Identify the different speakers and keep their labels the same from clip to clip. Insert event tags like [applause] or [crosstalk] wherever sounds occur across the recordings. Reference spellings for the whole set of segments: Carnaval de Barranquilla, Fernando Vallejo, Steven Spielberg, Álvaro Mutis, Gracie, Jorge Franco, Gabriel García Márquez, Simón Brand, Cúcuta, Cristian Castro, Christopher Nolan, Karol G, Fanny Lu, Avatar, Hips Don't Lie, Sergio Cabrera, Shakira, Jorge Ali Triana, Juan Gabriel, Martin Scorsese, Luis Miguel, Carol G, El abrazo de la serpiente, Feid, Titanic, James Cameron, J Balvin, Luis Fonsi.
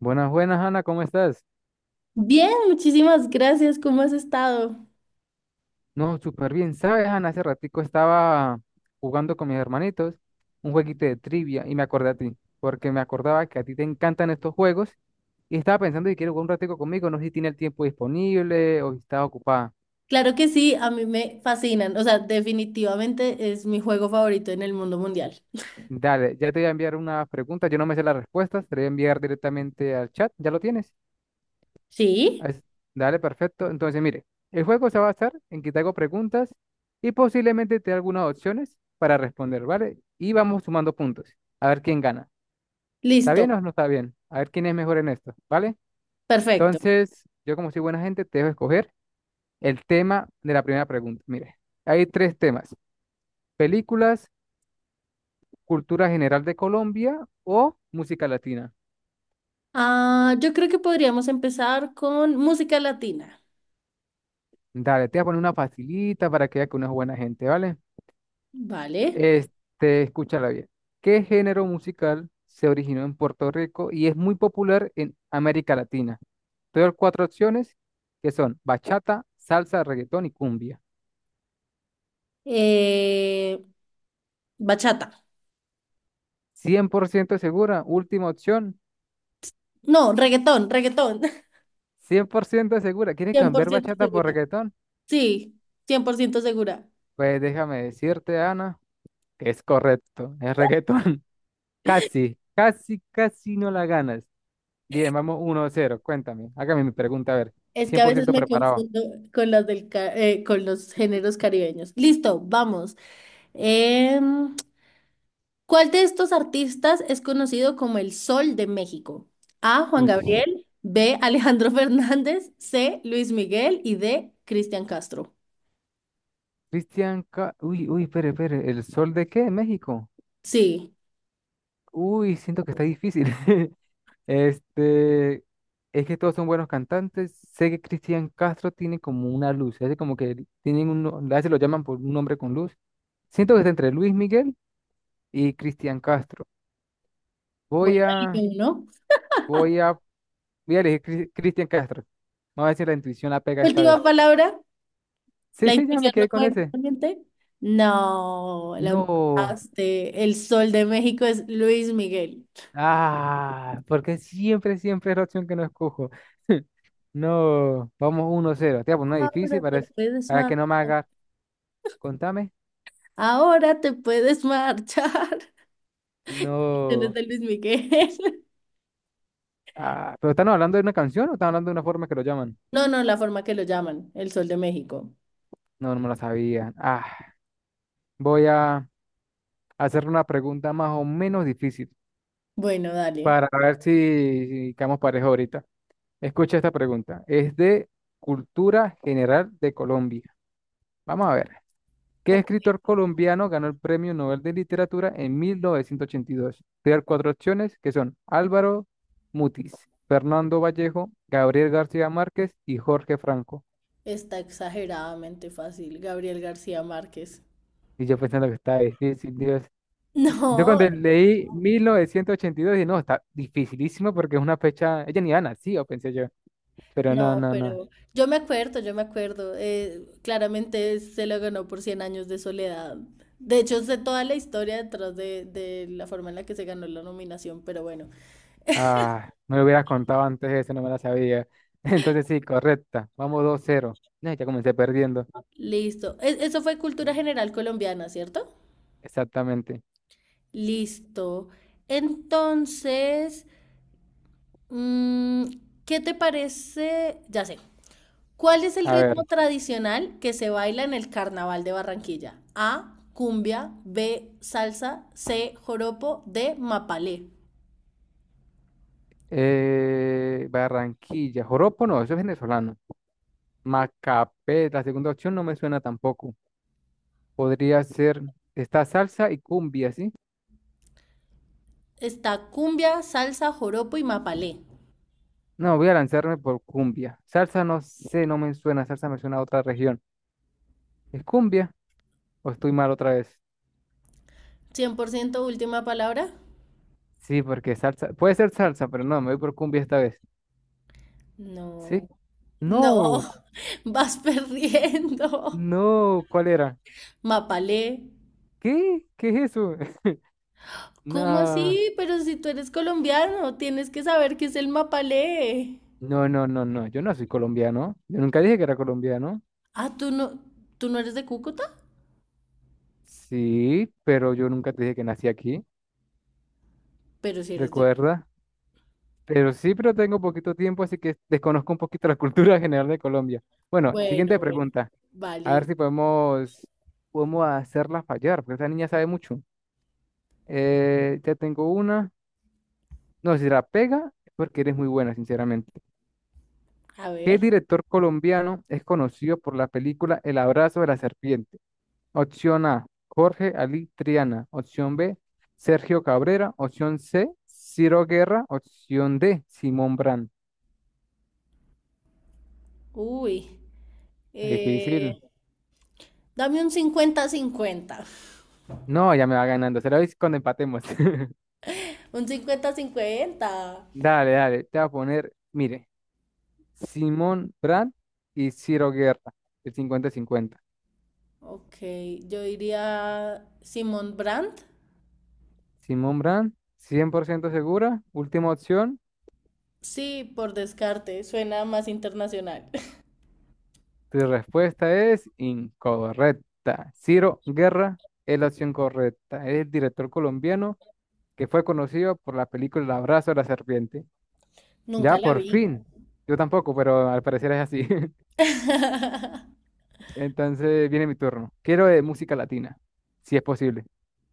Speaker 1: Buenas, buenas, Ana, ¿cómo estás?
Speaker 2: Bien, muchísimas gracias. ¿Cómo has estado?
Speaker 1: No, súper bien. ¿Sabes, Ana? Hace ratico estaba jugando con mis hermanitos un jueguito de trivia y me acordé a ti, porque me acordaba que a ti te encantan estos juegos y estaba pensando que quieres jugar un ratico conmigo, no sé si tiene el tiempo disponible o si estás ocupada.
Speaker 2: Claro que sí, a mí me fascinan. O sea, definitivamente es mi juego favorito en el mundo mundial.
Speaker 1: Dale, ya te voy a enviar una pregunta, yo no me sé las respuestas, te voy a enviar directamente al chat, ¿ya lo tienes? Ah,
Speaker 2: Sí,
Speaker 1: Dale, perfecto. Entonces, mire, el juego se va a basar en que te hago preguntas y posiblemente te dé algunas opciones para responder, ¿vale? Y vamos sumando puntos. A ver quién gana. ¿Está bien
Speaker 2: listo,
Speaker 1: o no está bien? A ver quién es mejor en esto, ¿vale?
Speaker 2: perfecto.
Speaker 1: Entonces, yo como soy buena gente, te dejo escoger el tema de la primera pregunta. Mire, hay tres temas. Películas, cultura general de Colombia o música latina.
Speaker 2: Ah, yo creo que podríamos empezar con música latina.
Speaker 1: Dale, te voy a poner una facilita para que veas que uno es buena gente, ¿vale?
Speaker 2: Vale.
Speaker 1: Escúchala bien. ¿Qué género musical se originó en Puerto Rico y es muy popular en América Latina? Te doy cuatro opciones que son bachata, salsa, reggaetón y cumbia.
Speaker 2: Eh, bachata.
Speaker 1: 100% segura, última opción.
Speaker 2: No, reggaetón, reggaetón.
Speaker 1: Cien por ciento segura.
Speaker 2: [laughs]
Speaker 1: ¿Quieres
Speaker 2: cien por
Speaker 1: cambiar
Speaker 2: ciento
Speaker 1: bachata por
Speaker 2: segura.
Speaker 1: reggaetón?
Speaker 2: Sí, 100% segura.
Speaker 1: Pues déjame decirte, Ana, que es correcto, es reggaetón. [laughs] Casi, casi, casi no la ganas. Bien, vamos 1 cero. Cuéntame, hágame mi pregunta, a ver.
Speaker 2: Es que
Speaker 1: Cien
Speaker 2: a
Speaker 1: por
Speaker 2: veces
Speaker 1: ciento
Speaker 2: me
Speaker 1: preparado.
Speaker 2: confundo con las del con los géneros caribeños. Listo, vamos. Em, ¿Cuál de estos artistas es conocido como el Sol de México? A. Juan
Speaker 1: Uy.
Speaker 2: Gabriel, B. Alejandro [laughs] Fernández, C. Luis Miguel y D. Cristian Castro.
Speaker 1: Cristian, uy, uy, espere, espere, ¿el sol de qué? ¿México?
Speaker 2: Sí,
Speaker 1: Uy, siento que está difícil. [laughs] Este, es que todos son buenos cantantes. Sé que Cristian Castro tiene como una luz, hace como que tienen un, no- a veces lo llaman por un nombre con luz. Siento que está entre Luis Miguel y Cristian Castro. Voy
Speaker 2: bueno, y
Speaker 1: a,
Speaker 2: uno.
Speaker 1: voy a, voy a elegir Cristian Castro. Vamos a ver si la intuición la pega esta
Speaker 2: Última
Speaker 1: vez.
Speaker 2: palabra,
Speaker 1: Sí,
Speaker 2: la
Speaker 1: sí, ya me
Speaker 2: intuición no
Speaker 1: quedé con
Speaker 2: fue
Speaker 1: ese.
Speaker 2: realmente. No, la
Speaker 1: No,
Speaker 2: mataste. El Sol de México es Luis Miguel.
Speaker 1: ah, porque siempre, siempre es la opción que no escojo. [laughs] No, vamos 1-0. Te voy a poner una difícil
Speaker 2: Ahora
Speaker 1: para,
Speaker 2: te puedes
Speaker 1: para
Speaker 2: marchar.
Speaker 1: que no me hagas. Contame.
Speaker 2: Ahora te puedes marchar. [laughs] Tienes
Speaker 1: No.
Speaker 2: de Luis Miguel.
Speaker 1: Ah, ¿pero están hablando de una canción o están hablando de una forma que lo llaman?
Speaker 2: No, no, la forma que lo llaman, el Sol de México.
Speaker 1: No, no me la sabía. Ah, voy a hacer una pregunta más o menos difícil
Speaker 2: Bueno, dale.
Speaker 1: para ver si quedamos parejos ahorita. Escucha esta pregunta. Es de cultura general de Colombia. Vamos a ver. ¿Qué
Speaker 2: Ok,
Speaker 1: escritor colombiano ganó el Premio Nobel de Literatura en 1982? Te voy a dar cuatro opciones que son Álvaro Mutis, Fernando Vallejo, Gabriel García Márquez y Jorge Franco.
Speaker 2: está exageradamente fácil, Gabriel García Márquez. [laughs]
Speaker 1: Y yo pensando que está difícil, Dios. Yo
Speaker 2: No,
Speaker 1: cuando leí 1982 dije, no, está dificilísimo porque es una fecha, ella ni había nacido, pensé yo. Pero no,
Speaker 2: no,
Speaker 1: no, no.
Speaker 2: pero yo me acuerdo, yo me acuerdo. Claramente se lo ganó por Cien años de soledad. De hecho, sé toda la historia detrás de la forma en la que se ganó la nominación, pero bueno,
Speaker 1: Ah, me lo hubieras contado antes eso, no me la sabía. [laughs] Entonces sí, correcta. Vamos 2-0. No, ya comencé perdiendo.
Speaker 2: listo. Eso fue cultura general colombiana, ¿cierto?
Speaker 1: Exactamente.
Speaker 2: Listo. Entonces, mm, ¿qué te parece? Ya sé. ¿Cuál es el
Speaker 1: A
Speaker 2: ritmo
Speaker 1: ver.
Speaker 2: tradicional que se baila en el Carnaval de Barranquilla? A, cumbia, B, salsa, C, joropo, D, mapalé.
Speaker 1: Barranquilla, joropo no, eso es venezolano. Macapé, la segunda opción no me suena tampoco. Podría ser esta salsa y cumbia, ¿sí?
Speaker 2: Está cumbia, salsa, joropo y mapalé.
Speaker 1: No, voy a lanzarme por cumbia. Salsa no sé, no me suena, salsa me suena a otra región. ¿Es cumbia o estoy mal otra vez?
Speaker 2: ¿100% última palabra?
Speaker 1: Sí, porque salsa, puede ser salsa, pero no, me voy por cumbia esta vez. ¿Sí?
Speaker 2: No, no,
Speaker 1: No,
Speaker 2: [laughs] vas perdiendo.
Speaker 1: no, ¿cuál era?
Speaker 2: Mapalé.
Speaker 1: ¿Qué? ¿Qué es eso?
Speaker 2: ¿Cómo
Speaker 1: [laughs]
Speaker 2: así? Pero si tú eres colombiano, tienes que saber qué es el mapalé.
Speaker 1: No, no, no, no, no, yo no soy colombiano. Yo nunca dije que era colombiano.
Speaker 2: Ah, tú no eres de Cúcuta,
Speaker 1: Sí, pero yo nunca te dije que nací aquí,
Speaker 2: pero si eres de.
Speaker 1: recuerda. Pero sí, pero tengo poquito tiempo, así que desconozco un poquito la [laughs] cultura general de Colombia. Bueno,
Speaker 2: Bueno,
Speaker 1: siguiente
Speaker 2: bueno,
Speaker 1: pregunta. A ver
Speaker 2: válido.
Speaker 1: si podemos hacerla fallar, porque esta niña sabe mucho. Ya tengo una. No, si la pega, es porque eres muy buena, sinceramente.
Speaker 2: A
Speaker 1: ¿Qué
Speaker 2: ver,
Speaker 1: director colombiano es conocido por la película El abrazo de la serpiente? Opción A, Jorge Ali Triana. Opción B, Sergio Cabrera. Opción C, Ciro Guerra. Opción D, Simón Brand.
Speaker 2: uy,
Speaker 1: Está difícil.
Speaker 2: eh, dame un 50-50.
Speaker 1: No, ya me va ganando. Se lo veis cuando empatemos. [laughs]
Speaker 2: [laughs] Un 50-50.
Speaker 1: Dale, dale. Te voy a poner, mire, Simón Brand y Ciro Guerra. El cincuenta-cincuenta.
Speaker 2: Ok, yo diría Simón Brandt.
Speaker 1: Simón Brand, 100% segura. Última opción.
Speaker 2: Sí, por descarte, suena más internacional. [laughs]
Speaker 1: Tu respuesta es incorrecta. Ciro Guerra es la opción correcta. Es el director colombiano que fue conocido por la película El abrazo de la serpiente.
Speaker 2: Nunca
Speaker 1: Ya,
Speaker 2: la
Speaker 1: por
Speaker 2: vi.
Speaker 1: fin. Yo tampoco, pero al parecer es así. [laughs] Entonces viene mi turno. Quiero de música latina, si es posible.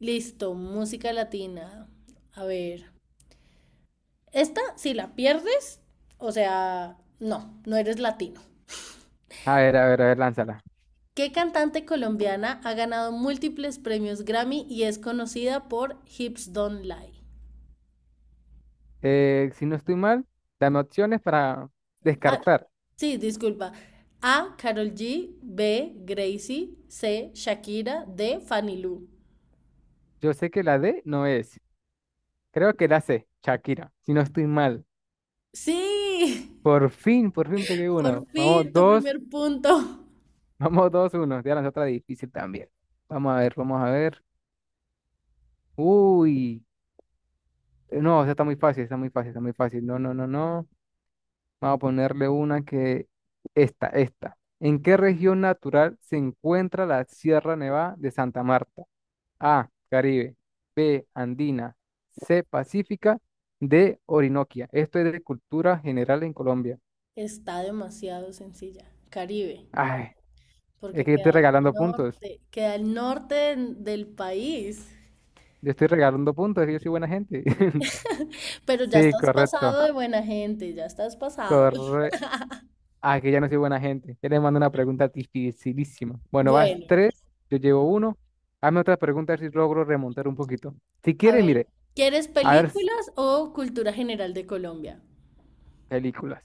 Speaker 2: Listo, música latina. A ver, esta, si la pierdes, o sea, no, no eres latino.
Speaker 1: A ver, a ver, a ver, lánzala.
Speaker 2: ¿Qué cantante colombiana ha ganado múltiples premios Grammy y es conocida por Hips Don't Lie?
Speaker 1: Si no estoy mal, dame opciones para
Speaker 2: Ah,
Speaker 1: descartar.
Speaker 2: sí, disculpa. A. Carol G. B. Gracie. C. Shakira. D. Fanny Lu.
Speaker 1: Yo sé que la D no es. Creo que la C, Shakira. Si no estoy mal.
Speaker 2: Sí,
Speaker 1: Por fin pegué
Speaker 2: [laughs] por
Speaker 1: uno. Vamos,
Speaker 2: fin tu
Speaker 1: dos,
Speaker 2: primer punto.
Speaker 1: [laughs] vamos, 2-1. Te voy a lanzar otra difícil también. Vamos a ver, vamos a ver. Uy. No, o sea, está muy fácil, está muy fácil, está muy fácil. No, no, no, no. Vamos a ponerle una que... Esta, esta. ¿En qué región natural se encuentra la Sierra Nevada de Santa Marta? A, Caribe. B, Andina. C, Pacífica. D, Orinoquia. Esto es de cultura general en Colombia.
Speaker 2: Está demasiado sencilla. Caribe,
Speaker 1: Ay, es
Speaker 2: porque
Speaker 1: que yo estoy regalando puntos.
Speaker 2: queda al norte del país.
Speaker 1: Yo estoy regalando puntos, yo soy buena gente. [laughs]
Speaker 2: Pero ya
Speaker 1: Sí,
Speaker 2: estás
Speaker 1: correcto.
Speaker 2: pasado de buena gente, ya estás pasado.
Speaker 1: Correcto. Ah, que ya no soy buena gente. Ya le mando una pregunta dificilísima. Bueno, vas
Speaker 2: Bueno,
Speaker 1: tres, yo llevo uno. Hazme otra pregunta a ver si logro remontar un poquito. Si
Speaker 2: a
Speaker 1: quiere,
Speaker 2: ver,
Speaker 1: mire,
Speaker 2: ¿quieres
Speaker 1: a ver s-
Speaker 2: películas o cultura general de Colombia?
Speaker 1: películas.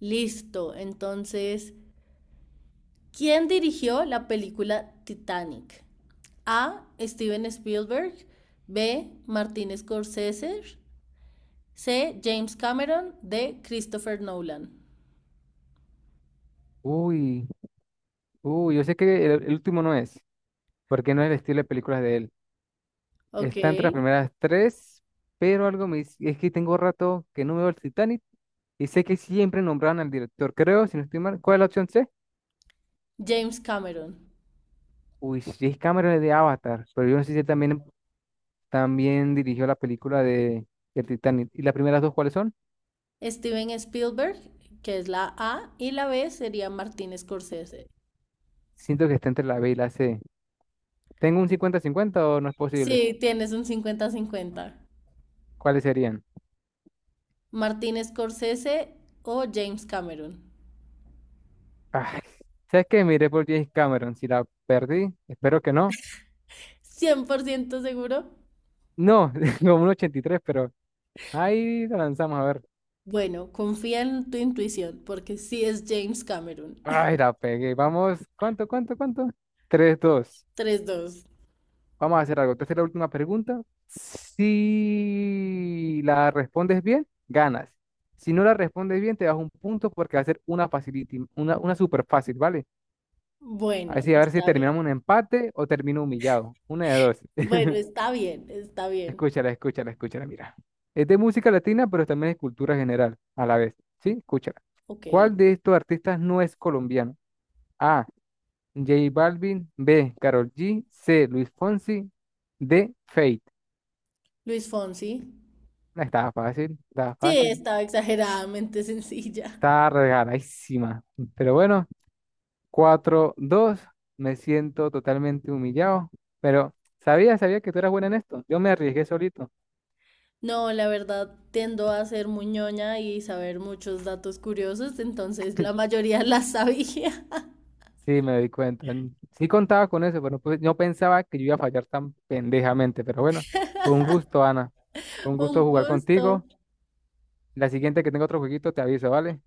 Speaker 2: Listo, entonces, ¿quién dirigió la película Titanic? A. Steven Spielberg. B. Martin Scorsese. C. James Cameron. D. Christopher Nolan.
Speaker 1: Uy, uy, yo sé que el último no es, porque no es el estilo de películas de él.
Speaker 2: Ok.
Speaker 1: Está entre las primeras tres, pero algo me dice, es que tengo rato que no veo el Titanic y sé que siempre nombraban al director. Creo, si no estoy mal, ¿cuál es la opción C?
Speaker 2: James Cameron.
Speaker 1: Uy, sí, es Cameron el de Avatar, pero yo no sé si él también también dirigió la película de El Titanic. ¿Y las primeras dos cuáles son?
Speaker 2: Steven Spielberg, que es la A, y la B sería Martin Scorsese.
Speaker 1: Siento que está entre la B y la C. ¿Tengo un cincuenta cincuenta o no es posible?
Speaker 2: Sí, tienes un 50-50.
Speaker 1: ¿Cuáles serían?
Speaker 2: Martin Scorsese o James Cameron.
Speaker 1: Ay, ¿sabes qué? Miré por James Cameron. Si la perdí, espero que no.
Speaker 2: 100% seguro.
Speaker 1: No, [laughs] como un 83, pero ahí la lanzamos a ver.
Speaker 2: Bueno, confía en tu intuición porque sí es James Cameron.
Speaker 1: Ay,
Speaker 2: [laughs]
Speaker 1: la pegué. Vamos, ¿cuánto, cuánto, cuánto? Cuánto 3-2.
Speaker 2: 3-2.
Speaker 1: Vamos a hacer algo. Te hacer la última pregunta. Si la respondes bien, ganas. Si no la respondes bien, te das un punto porque va a ser una facility, una súper fácil, ¿vale?
Speaker 2: Bueno,
Speaker 1: Así a ver si
Speaker 2: está bien.
Speaker 1: terminamos un empate o termino humillado. Una de dos.
Speaker 2: Bueno, está bien, está
Speaker 1: [laughs]
Speaker 2: bien.
Speaker 1: Escúchala, escúchala, escúchala, mira. Es de música latina, pero también es cultura general a la vez. ¿Sí? Escúchala.
Speaker 2: Ok.
Speaker 1: ¿Cuál de estos artistas no es colombiano? A. J Balvin. B. Karol G. C. Luis Fonsi. D. Feid.
Speaker 2: Luis Fonsi.
Speaker 1: No estaba fácil, estaba
Speaker 2: Sí,
Speaker 1: fácil.
Speaker 2: estaba exageradamente [laughs] sencilla.
Speaker 1: Estaba regaladísima. Pero bueno, 4-2. Me siento totalmente humillado. Pero sabía, sabía que tú eras buena en esto. Yo me arriesgué solito.
Speaker 2: No, la verdad, tiendo a ser muñoña y saber muchos datos curiosos, entonces la mayoría la sabía.
Speaker 1: Sí, me di cuenta. Sí contaba con eso, pero pues no pensaba que yo iba a fallar tan pendejamente. Pero bueno, fue un gusto, Ana. Fue un
Speaker 2: [laughs] Un
Speaker 1: gusto jugar
Speaker 2: gusto.
Speaker 1: contigo. La siguiente que tenga otro jueguito te aviso, ¿vale?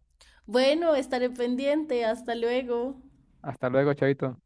Speaker 2: Bueno, estaré pendiente. Hasta luego.
Speaker 1: Hasta luego, chavito.